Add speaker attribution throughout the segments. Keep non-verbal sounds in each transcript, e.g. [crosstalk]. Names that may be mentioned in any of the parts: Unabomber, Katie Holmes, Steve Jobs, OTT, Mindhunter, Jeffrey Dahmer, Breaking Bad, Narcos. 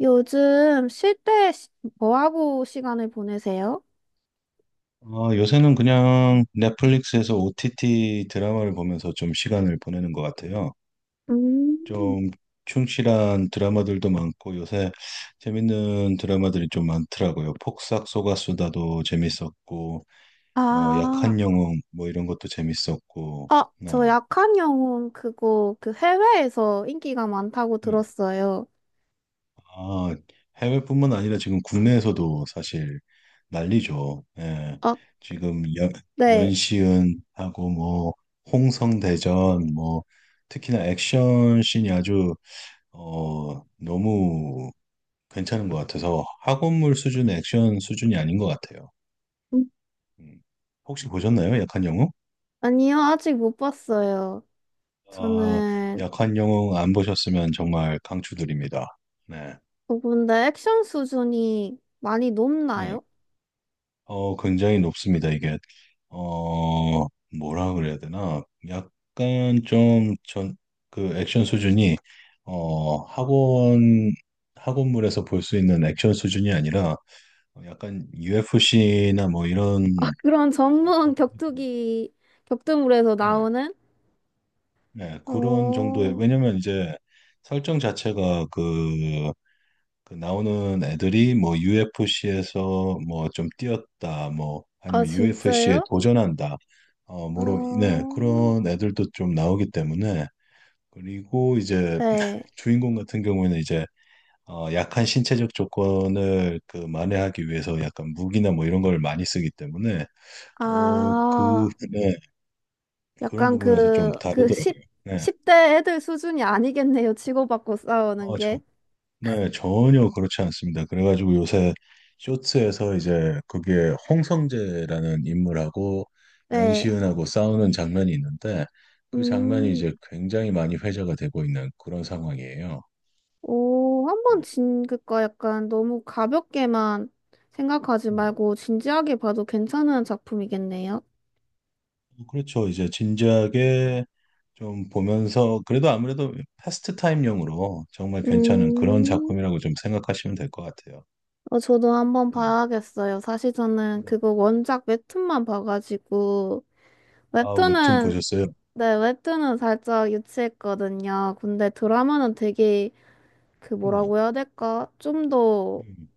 Speaker 1: 요즘 쉴 때 뭐 하고 시간을 보내세요?
Speaker 2: 아, 요새는 그냥 넷플릭스에서 OTT 드라마를 보면서 좀 시간을 보내는 것 같아요.
Speaker 1: 음.
Speaker 2: 좀 충실한 드라마들도 많고 요새 재밌는 드라마들이 좀 많더라고요. 폭싹 속았수다도 재밌었고,
Speaker 1: 아,
Speaker 2: 약한 영웅 뭐 이런 것도 재밌었고,
Speaker 1: 저
Speaker 2: 네.
Speaker 1: 약한 영혼 그거 그 해외에서 인기가 많다고
Speaker 2: 네.
Speaker 1: 들었어요.
Speaker 2: 아, 해외뿐만 아니라 지금 국내에서도 사실 난리죠. 예.
Speaker 1: 아,
Speaker 2: 지금 연,
Speaker 1: 네.
Speaker 2: 연시은하고 뭐 홍성대전 뭐 특히나 액션 씬이 아주 너무 괜찮은 것 같아서 학원물 수준의 액션 수준이 아닌 것 같아요.
Speaker 1: 음.
Speaker 2: 음. 혹시 보셨나요? 약한 영웅?
Speaker 1: 아니요, 아직 못 봤어요.
Speaker 2: 아,
Speaker 1: 저는.
Speaker 2: 약한 영웅 안 보셨으면 정말 강추드립니다. 네.
Speaker 1: 근데 액션 수준이 많이
Speaker 2: 네.
Speaker 1: 높나요?
Speaker 2: 굉장히 높습니다. 이게, 어, 뭐라 그래야 되나. 약간 좀 전, 그 액션 수준이, 어, 학원, 학원물에서 볼 수 있는 액션 수준이 아니라 약간 UFC나 뭐 이런,
Speaker 1: 그런
Speaker 2: 어,
Speaker 1: 전문
Speaker 2: 거-
Speaker 1: 격투기 격투물에서
Speaker 2: 네,
Speaker 1: 나오는?
Speaker 2: 네, 그런 정도의,
Speaker 1: 어,
Speaker 2: 왜냐면 이제 설정 자체가 그 나오는 애들이 뭐 UFC에서 뭐 좀 뛰었다, 뭐
Speaker 1: 아
Speaker 2: 아니면 UFC에
Speaker 1: 진짜요?
Speaker 2: 도전한다, 뭐로, 네,
Speaker 1: 아,
Speaker 2: 그런 애들도 좀 나오기 때문에 그리고 이제
Speaker 1: 네.
Speaker 2: 주인공 같은 경우에는 이제 약한 신체적 조건을 그 만회하기 위해서 약간 무기나 뭐 이런 걸 많이 쓰기 때문에
Speaker 1: 아.
Speaker 2: 네, 그런
Speaker 1: 약간
Speaker 2: 부분에서 좀
Speaker 1: 그 10,
Speaker 2: 다르더라고요. 네.
Speaker 1: 대 애들 수준이 아니겠네요. 치고받고 싸우는
Speaker 2: 어,
Speaker 1: 게.
Speaker 2: 네, 전혀 그렇지 않습니다. 그래가지고 요새 쇼츠에서 이제 그게 홍성재라는 인물하고
Speaker 1: 네.
Speaker 2: 연시은하고 싸우는 장면이 있는데 그 장면이
Speaker 1: 음,
Speaker 2: 이제 굉장히 많이 회자가 되고 있는 그런 상황이에요.
Speaker 1: 오, 한번
Speaker 2: 네.
Speaker 1: 그니까 약간 너무 가볍게만 생각하지
Speaker 2: 음.
Speaker 1: 말고 진지하게 봐도 괜찮은 작품이겠네요.
Speaker 2: 그렇죠. 이제 진지하게 좀 보면서 그래도 아무래도 패스트 타임용으로 정말 괜찮은 그런
Speaker 1: 음,
Speaker 2: 작품이라고 좀 생각하시면 될 것 같아요.
Speaker 1: 저도 한번
Speaker 2: 음.
Speaker 1: 봐야겠어요. 사실 저는
Speaker 2: 네.
Speaker 1: 그거 원작 웹툰만 봐가지고,
Speaker 2: 아, 웹툰
Speaker 1: 웹툰은,
Speaker 2: 보셨어요?
Speaker 1: 네, 웹툰은 살짝 유치했거든요. 근데 드라마는 되게, 그
Speaker 2: 네.
Speaker 1: 뭐라고 해야 될까? 좀더
Speaker 2: 음.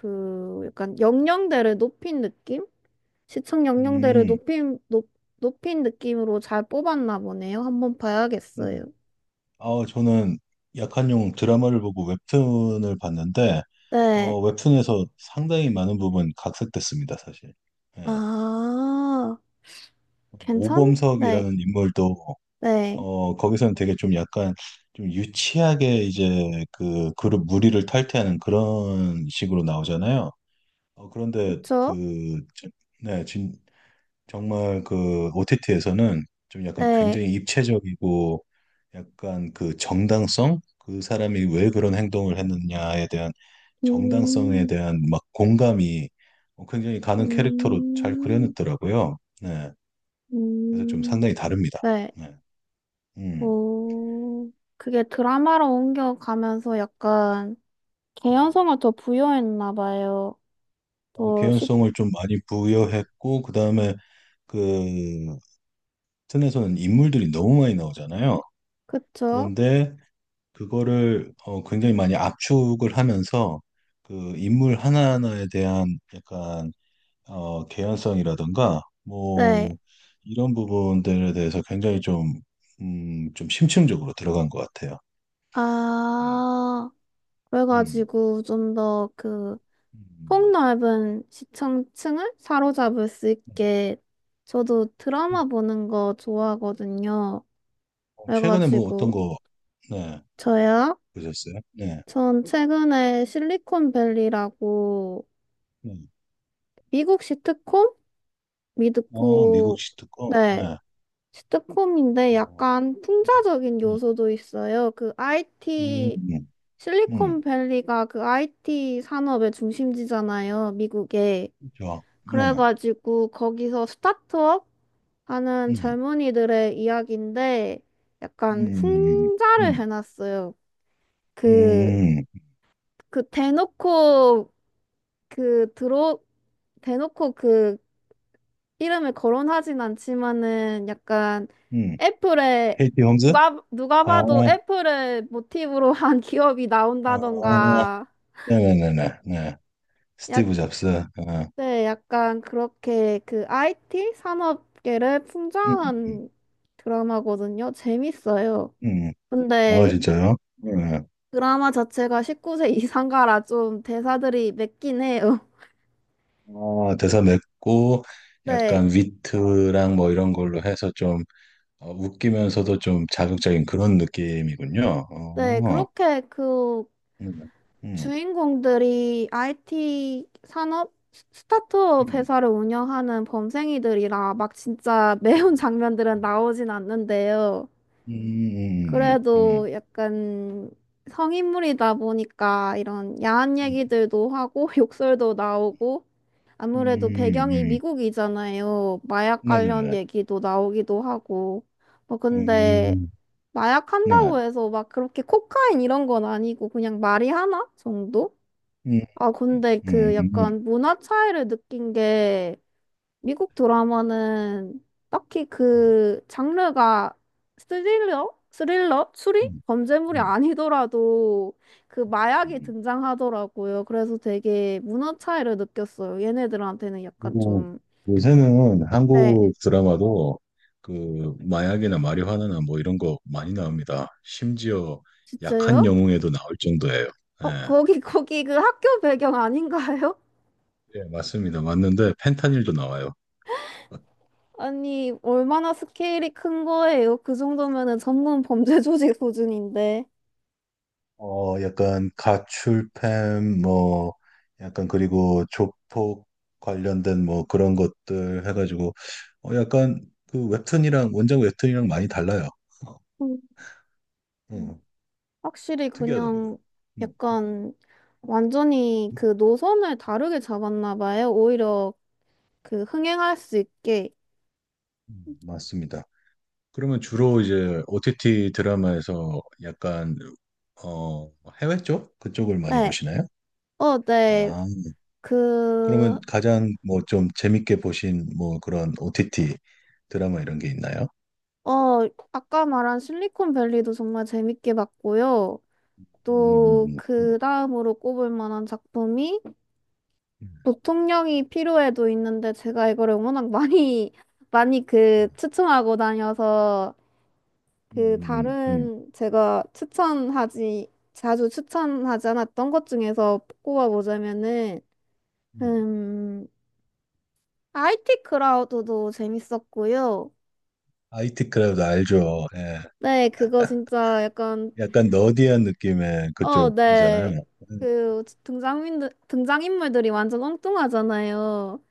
Speaker 1: 그 약간 영령대를 높인 느낌? 시청 영령대를
Speaker 2: 음.
Speaker 1: 높인 높인 느낌으로 잘 뽑았나 보네요. 한번
Speaker 2: 네.
Speaker 1: 봐야겠어요.
Speaker 2: 저는 약한 용 드라마를 보고 웹툰을 봤는데,
Speaker 1: 네.
Speaker 2: 웹툰에서 상당히 많은 부분 각색됐습니다, 사실. 예.
Speaker 1: 아, 괜찮? 네.
Speaker 2: 오범석이라는 인물도,
Speaker 1: 네.
Speaker 2: 거기서는 되게 좀 약간 좀 유치하게 이제 그 그룹 무리를 탈퇴하는 그런 식으로 나오잖아요. 그런데
Speaker 1: 그쵸?
Speaker 2: 네, 정말 그 OTT에서는 좀 약간
Speaker 1: 네.
Speaker 2: 굉장히 입체적이고 약간 그 정당성? 그 사람이 왜 그런 행동을 했느냐에 대한 정당성에
Speaker 1: 음,
Speaker 2: 대한 막 공감이 굉장히 가는 캐릭터로 잘
Speaker 1: 음,
Speaker 2: 그려냈더라고요. 네. 그래서 좀
Speaker 1: 음,
Speaker 2: 상당히 다릅니다.
Speaker 1: 네.
Speaker 2: 네. 음.
Speaker 1: 오, 그게 드라마로 옮겨가면서 약간 개연성을 더 부여했나 봐요. 더 시,
Speaker 2: 개연성을 좀 많이 부여했고, 그 다음에 그 튼에서는 인물들이 너무 많이 나오잖아요.
Speaker 1: 그쵸?
Speaker 2: 그런데 그거를 굉장히 많이 압축을 하면서 그 인물 하나하나에 대한 약간 개연성이라든가
Speaker 1: 네.
Speaker 2: 뭐 이런 부분들에 대해서 굉장히 좀, 좀 심층적으로 들어간 것 같아요. 음,
Speaker 1: 아,
Speaker 2: 음,
Speaker 1: 그래가지고 좀 더 그
Speaker 2: 음,
Speaker 1: 폭넓은 시청층을 사로잡을 수
Speaker 2: 음,
Speaker 1: 있게. 저도 드라마
Speaker 2: 음.
Speaker 1: 보는 거 좋아하거든요.
Speaker 2: 최근에 뭐 어떤
Speaker 1: 그래가지고
Speaker 2: 거 네,
Speaker 1: 저야
Speaker 2: 보셨어요? 네,
Speaker 1: 전 최근에 실리콘밸리라고
Speaker 2: 네.
Speaker 1: 미국 시트콤?
Speaker 2: 미국
Speaker 1: 미드코.
Speaker 2: 시 특검.
Speaker 1: 네.
Speaker 2: 네.
Speaker 1: 시트콤인데
Speaker 2: 어,
Speaker 1: 약간 풍자적인
Speaker 2: 네.
Speaker 1: 요소도 있어요. 그
Speaker 2: 음,
Speaker 1: IT.
Speaker 2: 음, 음,
Speaker 1: 실리콘밸리가 그 IT 산업의 중심지잖아요, 미국에.
Speaker 2: 그렇죠. 네.
Speaker 1: 그래가지고 거기서 스타트업 하는
Speaker 2: 음,
Speaker 1: 젊은이들의 이야기인데 약간
Speaker 2: 음,
Speaker 1: 풍자를
Speaker 2: 음.
Speaker 1: 해놨어요. 그,
Speaker 2: 음,
Speaker 1: 그 대놓고 그 들어, 대놓고 그 이름을 거론하진 않지만은 약간
Speaker 2: 음.
Speaker 1: 애플에.
Speaker 2: 케이티 홈즈?
Speaker 1: 누가, 누가
Speaker 2: 아,
Speaker 1: 봐도 애플을 모티브로 한 기업이
Speaker 2: 아,
Speaker 1: 나온다던가.
Speaker 2: 네네네네. 네. 스티브 잡스. 아,
Speaker 1: 네, 약간 그렇게 그 IT 산업계를 풍자
Speaker 2: 음, 음,
Speaker 1: 한 드라마거든요. 재밌어요.
Speaker 2: 음. 아,
Speaker 1: 근데
Speaker 2: 진짜요? 네.
Speaker 1: 드라마 자체가 19세 이상가라 좀 대사들이 맵긴 해요.
Speaker 2: 아, 대사 맵고,
Speaker 1: [laughs] 네,
Speaker 2: 약간 위트랑 뭐 이런 걸로 해서 좀 웃기면서도 좀 자극적인 그런 느낌이군요.
Speaker 1: 네, 그렇게 그
Speaker 2: 음, 음,
Speaker 1: 주인공들이 IT 산업 스타트업
Speaker 2: 음,
Speaker 1: 회사를 운영하는 범생이들이라 막 진짜 [laughs] 매운
Speaker 2: 음,
Speaker 1: 장면들은 나오진 않는데요.
Speaker 2: 음, 음, 음, 음,
Speaker 1: 그래도 약간 성인물이다 보니까 이런 야한
Speaker 2: 음,
Speaker 1: 얘기들도 하고 [laughs] 욕설도 나오고,
Speaker 2: 음,
Speaker 1: 아무래도 배경이
Speaker 2: 음.
Speaker 1: 미국이잖아요. 마약 관련
Speaker 2: 네네네.
Speaker 1: 얘기도 나오기도 하고. 뭐 근데
Speaker 2: 음,
Speaker 1: 마약
Speaker 2: 네.
Speaker 1: 한다고 해서 막 그렇게 코카인 이런 건 아니고 그냥 말이 하나 정도?
Speaker 2: 음,
Speaker 1: 아 근데
Speaker 2: 음,
Speaker 1: 그
Speaker 2: 음,
Speaker 1: 약간 문화 차이를 느낀 게, 미국 드라마는 딱히
Speaker 2: 음,
Speaker 1: 그 장르가 스릴러? 스릴러? 추리?
Speaker 2: 음.
Speaker 1: 범죄물이
Speaker 2: 음.
Speaker 1: 아니더라도 그 마약이
Speaker 2: 음.
Speaker 1: 등장하더라고요. 그래서 되게 문화 차이를 느꼈어요. 얘네들한테는 약간
Speaker 2: 그리고
Speaker 1: 좀.
Speaker 2: 요새는
Speaker 1: 네.
Speaker 2: 한국 드라마도 그 마약이나 마리화나나 뭐 이런 거 많이 나옵니다. 심지어 약한
Speaker 1: 진짜요?
Speaker 2: 영웅에도 나올 정도예요. 예,
Speaker 1: 거기, [laughs] 거기 그 학교 배경 아닌가요?
Speaker 2: 예, 맞습니다. 맞는데 펜타닐도 나와요.
Speaker 1: [laughs] 아니, 얼마나 스케일이 큰 거예요? 그 정도면은 전문 범죄 조직 수준인데.
Speaker 2: 약간 가출팸 뭐 약간 그리고 조폭 관련된 뭐 그런 것들 해가지고 약간 그 웹툰이랑 원작 웹툰이랑 많이 달라요.
Speaker 1: 음. 확실히
Speaker 2: 특이하더라고요.
Speaker 1: 그냥
Speaker 2: 음,
Speaker 1: 약간 완전히 그 노선을 다르게 잡았나 봐요. 오히려 그 흥행할 수 있게.
Speaker 2: 맞습니다. 그러면 주로 이제 OTT 드라마에서 약간 어, 해외 쪽? 그쪽을 많이
Speaker 1: 네.
Speaker 2: 보시나요?
Speaker 1: 어, 네.
Speaker 2: 아,
Speaker 1: 그.
Speaker 2: 그러면 가장 뭐 좀 재밌게 보신 뭐 그런 OTT 드라마 이런 게 있나요?
Speaker 1: 아까 말한 실리콘밸리도 정말 재밌게 봤고요. 또
Speaker 2: 음, 음,
Speaker 1: 그 다음으로 꼽을 만한 작품이 부통령이 필요해도 있는데, 제가 이거를 워낙 많이, [laughs] 많이 그 추천하고 다녀서 그
Speaker 2: 음, 음,
Speaker 1: 다른 제가 추천하지 자주 추천하지 않았던 것 중에서 꼽아보자면은,
Speaker 2: 음.
Speaker 1: 음 IT 크라우드도 재밌었고요.
Speaker 2: IT 크라우드 알죠? 예.
Speaker 1: 네, 그거 진짜 약간,
Speaker 2: 약간 너디한 느낌의
Speaker 1: 네.
Speaker 2: 그쪽이잖아요. 음,
Speaker 1: 그 등장인들 등장인물들이 완전 엉뚱하잖아요.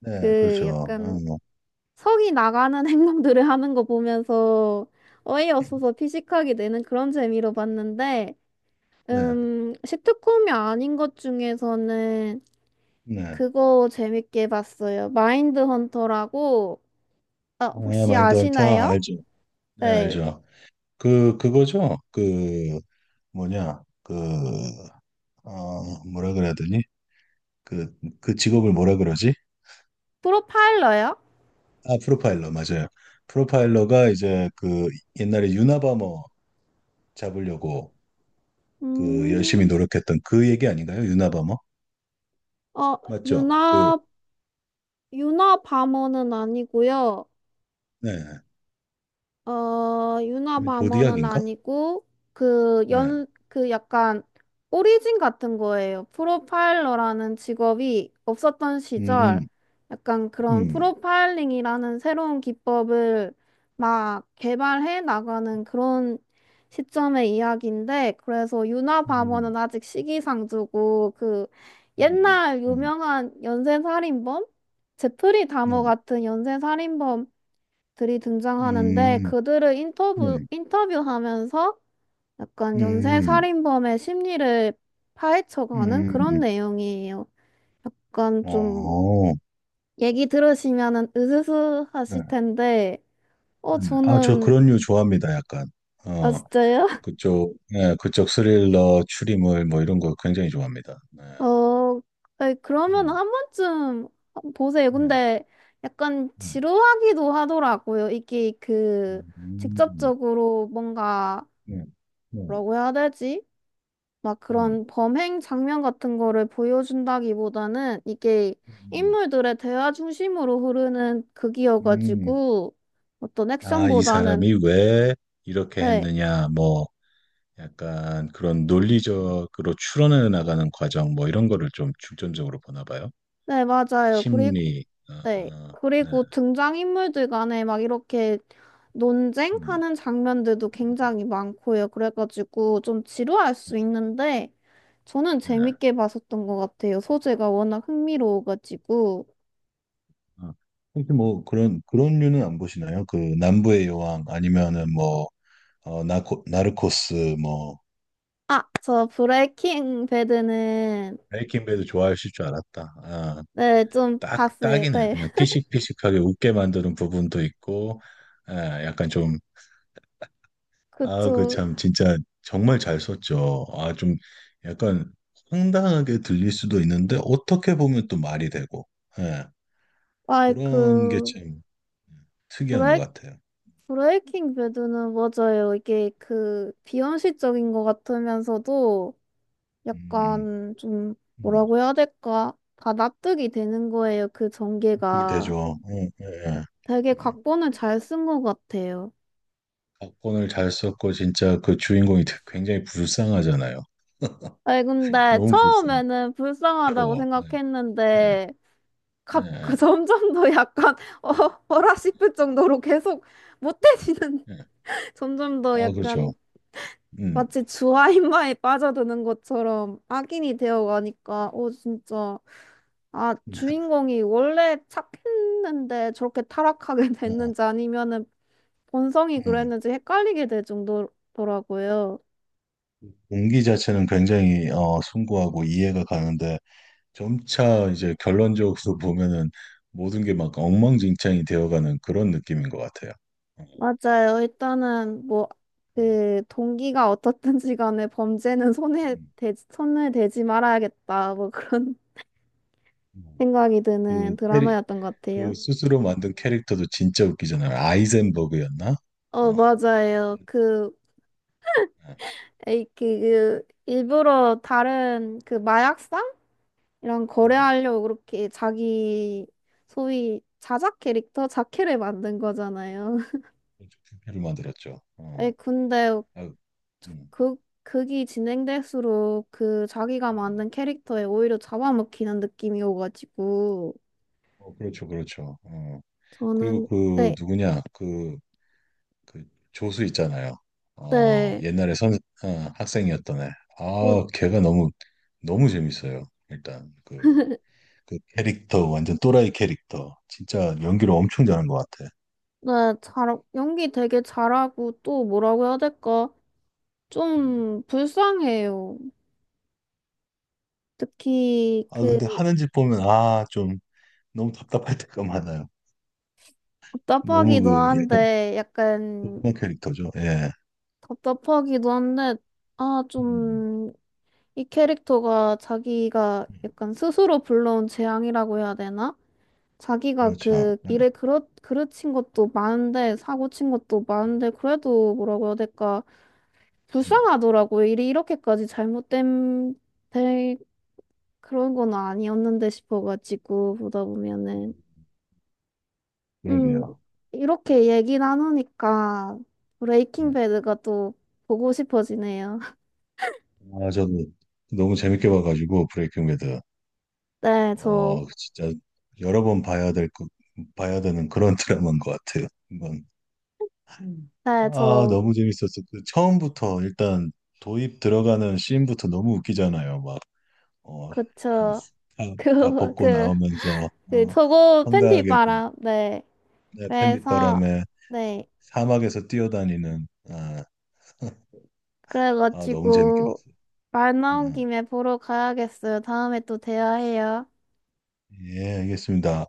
Speaker 2: 네,
Speaker 1: 그
Speaker 2: 그렇죠.
Speaker 1: 약간
Speaker 2: 어,
Speaker 1: 성이 나가는 [laughs] 행동들을 하는 거 보면서 어이없어서 피식하게 되는 그런 재미로 봤는데,
Speaker 2: 네,
Speaker 1: 시트콤이 아닌 것 중에서는
Speaker 2: 네.
Speaker 1: 그거 재밌게 봤어요. 마인드 헌터라고, 아,
Speaker 2: 아,
Speaker 1: 혹시
Speaker 2: 마인드헌터
Speaker 1: 아시나요?
Speaker 2: 알죠? 네,
Speaker 1: 네.
Speaker 2: 알죠. 그, 그거죠. 그, 뭐냐, 그, 뭐라 그래야 되니? 그, 그, 직업을 뭐라 그러지?
Speaker 1: 프로파일러요?
Speaker 2: 아, 프로파일러, 맞아요. 프로파일러가 이제 그 옛날에 유나바머 잡으려고 그 열심히
Speaker 1: 음,
Speaker 2: 노력했던 그 얘기 아닌가요? 유나바머?
Speaker 1: 어,
Speaker 2: 맞죠? 그,
Speaker 1: 유나, 유나 바머는 아니고요.
Speaker 2: 네. 아니면
Speaker 1: 유나바머는
Speaker 2: 조디악인가?
Speaker 1: 아니고, 그,
Speaker 2: 네.
Speaker 1: 연, 그 약간, 오리진 같은 거예요. 프로파일러라는 직업이 없었던 시절,
Speaker 2: 음,
Speaker 1: 약간 그런
Speaker 2: 음,
Speaker 1: 프로파일링이라는 새로운 기법을 막 개발해 나가는 그런 시점의 이야기인데, 그래서 유나바머는
Speaker 2: 음,
Speaker 1: 아직 시기상조고, 그,
Speaker 2: 음,
Speaker 1: 옛날
Speaker 2: 음,
Speaker 1: 유명한 연쇄살인범? 제프리 다머
Speaker 2: 네.
Speaker 1: 같은 연쇄살인범 들이 등장하는데,
Speaker 2: 음,
Speaker 1: 그들을
Speaker 2: 네.
Speaker 1: 인터뷰하면서 약간 연쇄
Speaker 2: 음,
Speaker 1: 살인범의 심리를 파헤쳐가는 그런
Speaker 2: 음,
Speaker 1: 내용이에요. 약간 좀
Speaker 2: 어,
Speaker 1: 얘기 들으시면은 으스스
Speaker 2: 네.
Speaker 1: 하실 텐데,
Speaker 2: 아, 저
Speaker 1: 저는.
Speaker 2: 그런 류 좋아합니다. 약간
Speaker 1: 아,
Speaker 2: 어
Speaker 1: 진짜요? [laughs]
Speaker 2: 그쪽 예, 그쪽 스릴러 추리물 뭐 이런 거 굉장히 좋아합니다. 네.
Speaker 1: 어, 아니, 그러면
Speaker 2: 음,
Speaker 1: 한 번쯤 보세요.
Speaker 2: 예,
Speaker 1: 근데 약간
Speaker 2: 예.
Speaker 1: 지루하기도 하더라고요. 이게 그
Speaker 2: 음,
Speaker 1: 직접적으로 뭔가
Speaker 2: 네, 네,
Speaker 1: 뭐라고 해야 되지? 막
Speaker 2: 음,
Speaker 1: 그런 범행 장면 같은 거를 보여준다기보다는 이게
Speaker 2: 음,
Speaker 1: 인물들의 대화 중심으로 흐르는
Speaker 2: 음.
Speaker 1: 극이어가지고 어떤
Speaker 2: 아, 이
Speaker 1: 액션보다는.
Speaker 2: 사람이 왜 이렇게
Speaker 1: 네,
Speaker 2: 했느냐 뭐 약간 그런 논리적으로 추론해 나가는 과정 뭐 이런 거를 좀 중점적으로 보나 봐요.
Speaker 1: 네, 맞아요. 그리고,
Speaker 2: 심리 아,
Speaker 1: 네,
Speaker 2: 아, 네.
Speaker 1: 그리고 등장인물들 간에 막 이렇게
Speaker 2: 음,
Speaker 1: 논쟁하는 장면들도
Speaker 2: 음,
Speaker 1: 굉장히 많고요. 그래가지고 좀 지루할
Speaker 2: 음,
Speaker 1: 수 있는데 저는
Speaker 2: 네.
Speaker 1: 재밌게 봤었던 것 같아요. 소재가 워낙 흥미로워가지고.
Speaker 2: 아, 혹시 뭐 그런 류는 안 보시나요? 그 남부의 여왕 아니면은 뭐 나르코스 뭐
Speaker 1: 아, 저 브레이킹 배드는.
Speaker 2: 베이킹 배드 좋아하실 줄 알았다. 아,
Speaker 1: 네, 좀
Speaker 2: 딱
Speaker 1: 봤어요.
Speaker 2: 딱이네.
Speaker 1: 네.
Speaker 2: 그냥
Speaker 1: [laughs]
Speaker 2: 피식피식하게 웃게 만드는 부분도 있고, 아, 약간 좀 아, 그
Speaker 1: 그쪽,
Speaker 2: 참 진짜 정말 잘 썼죠. 아, 좀 약간 황당하게 들릴 수도 있는데 어떻게 보면 또 말이 되고, 예,
Speaker 1: 아,
Speaker 2: 그런 게
Speaker 1: 그,
Speaker 2: 참
Speaker 1: 브
Speaker 2: 특이한 것
Speaker 1: 레이
Speaker 2: 같아요.
Speaker 1: 브레이킹 배드는 맞아요. 이게 그, 비현실적인 것 같으면서도
Speaker 2: 음,
Speaker 1: 약간 좀,
Speaker 2: 음.
Speaker 1: 뭐라고 해야 될까? 다 납득이 되는 거예요. 그
Speaker 2: 그게
Speaker 1: 전개가.
Speaker 2: 되죠. 응, 예,
Speaker 1: 되게
Speaker 2: 예.
Speaker 1: 각본을 잘 쓴 것 같아요.
Speaker 2: 각본을 잘 썼고 진짜 그 주인공이 굉장히 불쌍하잖아요.
Speaker 1: 아니, 근데
Speaker 2: 너무 불쌍해.
Speaker 1: 처음에는 불쌍하다고
Speaker 2: 괴로워. 예, 예,
Speaker 1: 생각했는데, 갑, [laughs] 그
Speaker 2: 예,
Speaker 1: 점점 더 약간, [laughs] 어, 어라 싶을 정도로 계속 못해지는
Speaker 2: 예.
Speaker 1: [laughs] 점점 더
Speaker 2: 아, 그렇죠.
Speaker 1: 약간
Speaker 2: 음,
Speaker 1: 마치 주아인마에 빠져드는 것처럼 악인이 되어가니까, 진짜. 아,
Speaker 2: 음,
Speaker 1: 주인공이 원래 착했는데 저렇게 타락하게 [laughs]
Speaker 2: 예,
Speaker 1: 됐는지 아니면은 본성이
Speaker 2: 음.
Speaker 1: 그랬는지 헷갈리게 될 정도더라고요.
Speaker 2: 동기 자체는 굉장히 숭고하고 이해가 가는데 점차 이제 결론적으로 [laughs] 보면은 모든 게 막 엉망진창이 되어가는 그런 느낌인 것 같아요. 어.
Speaker 1: 맞아요. 일단은 뭐,
Speaker 2: 음,
Speaker 1: 그, 동기가 어떻든지 간에 범죄는 손을 대지 말아야겠다. 뭐 그런 [laughs]
Speaker 2: 음,
Speaker 1: 생각이 드는
Speaker 2: 음. 그
Speaker 1: 드라마였던 것
Speaker 2: 그
Speaker 1: 같아요.
Speaker 2: 스스로 만든 캐릭터도 진짜 웃기잖아요. 아이젠버그였나? 어.
Speaker 1: 맞아요.
Speaker 2: 네.
Speaker 1: 에이, 그 일부러 다른 그 마약상 이랑
Speaker 2: 네.
Speaker 1: 거래하려고 그렇게 자기 소위 자작 캐릭터 자캐를 만든 거잖아요. [laughs]
Speaker 2: 그렇죠. 부를 만들었죠.
Speaker 1: 에이,
Speaker 2: 어.
Speaker 1: 근데
Speaker 2: 아 음,
Speaker 1: 그 극이 진행될수록 그 자기가
Speaker 2: 음.
Speaker 1: 만든 캐릭터에 오히려 잡아먹히는 느낌이 오가지고.
Speaker 2: 그렇죠, 그렇죠. 어. 그리고
Speaker 1: 저는.
Speaker 2: 그
Speaker 1: 네,
Speaker 2: 누구냐? 그, 그, 조수 있잖아요.
Speaker 1: 네,
Speaker 2: 옛날에 어, 학생이었던 애.
Speaker 1: 어,
Speaker 2: 아, 걔가 너무 너무 재밌어요. 일단 그 캐릭터 완전 또라이 캐릭터. 진짜 연기를 엄청 잘한 것 같아.
Speaker 1: 네, 잘 연기 되게 잘하고 또 뭐라고 해야 될까?
Speaker 2: 음.
Speaker 1: 좀 불쌍해요. 특히
Speaker 2: 아, 근데
Speaker 1: 그.
Speaker 2: 하는 짓 보면 아, 좀 너무 답답할 때가 많아요. 너무
Speaker 1: 답답하기도
Speaker 2: 그 약간
Speaker 1: 한데, 약간.
Speaker 2: 도그마 캐릭터죠. 예.
Speaker 1: 답답하기도 한데, 아,
Speaker 2: 음,
Speaker 1: 좀, 이 캐릭터가 자기가
Speaker 2: 음, 음.
Speaker 1: 약간 스스로 불러온 재앙이라고 해야 되나? 자기가
Speaker 2: 그렇죠.
Speaker 1: 그
Speaker 2: 예,
Speaker 1: 일에 그르친 것도 많은데, 사고 친 것도 많은데, 그래도 뭐라고 해야 될까?
Speaker 2: 예.
Speaker 1: 불쌍하더라고요. 일이 이렇게까지 될 그런 건 아니었는데 싶어가지고, 보다
Speaker 2: 음,
Speaker 1: 보면은. 음,
Speaker 2: 그러게요.
Speaker 1: 이렇게 얘기 나누니까
Speaker 2: 예.
Speaker 1: 브레이킹 배드가 또 보고 싶어지네요. [laughs]
Speaker 2: 아, 저도 너무 재밌게 봐가지고 브레이킹 배드.
Speaker 1: 네, 저.
Speaker 2: 진짜 여러 번 봐야 될 것, 봐야 되는 그런 [laughs] 드라마인 것 같아요. 이건. 음.
Speaker 1: 네,
Speaker 2: 아,
Speaker 1: 저.
Speaker 2: 너무 재밌었어. 그 처음부터 일단 도입 들어가는 씬부터 너무 웃기잖아요. 막, 어,
Speaker 1: 그쵸.
Speaker 2: 다, 다
Speaker 1: [laughs] 그,
Speaker 2: 벗고
Speaker 1: 그,
Speaker 2: 나오면서,
Speaker 1: 그, 저거 팬티
Speaker 2: 황당하게 그
Speaker 1: 바람. 네.
Speaker 2: 네,
Speaker 1: 그래서.
Speaker 2: 팬딧바람에
Speaker 1: 네.
Speaker 2: 사막에서 뛰어다니는 아, [laughs] 아, 너무 재밌게
Speaker 1: 그래가지고,
Speaker 2: 봤어요.
Speaker 1: 말 나온
Speaker 2: 음,
Speaker 1: 김에 보러 가야겠어요. 다음에 또 대화해요.
Speaker 2: 예, 알겠습니다.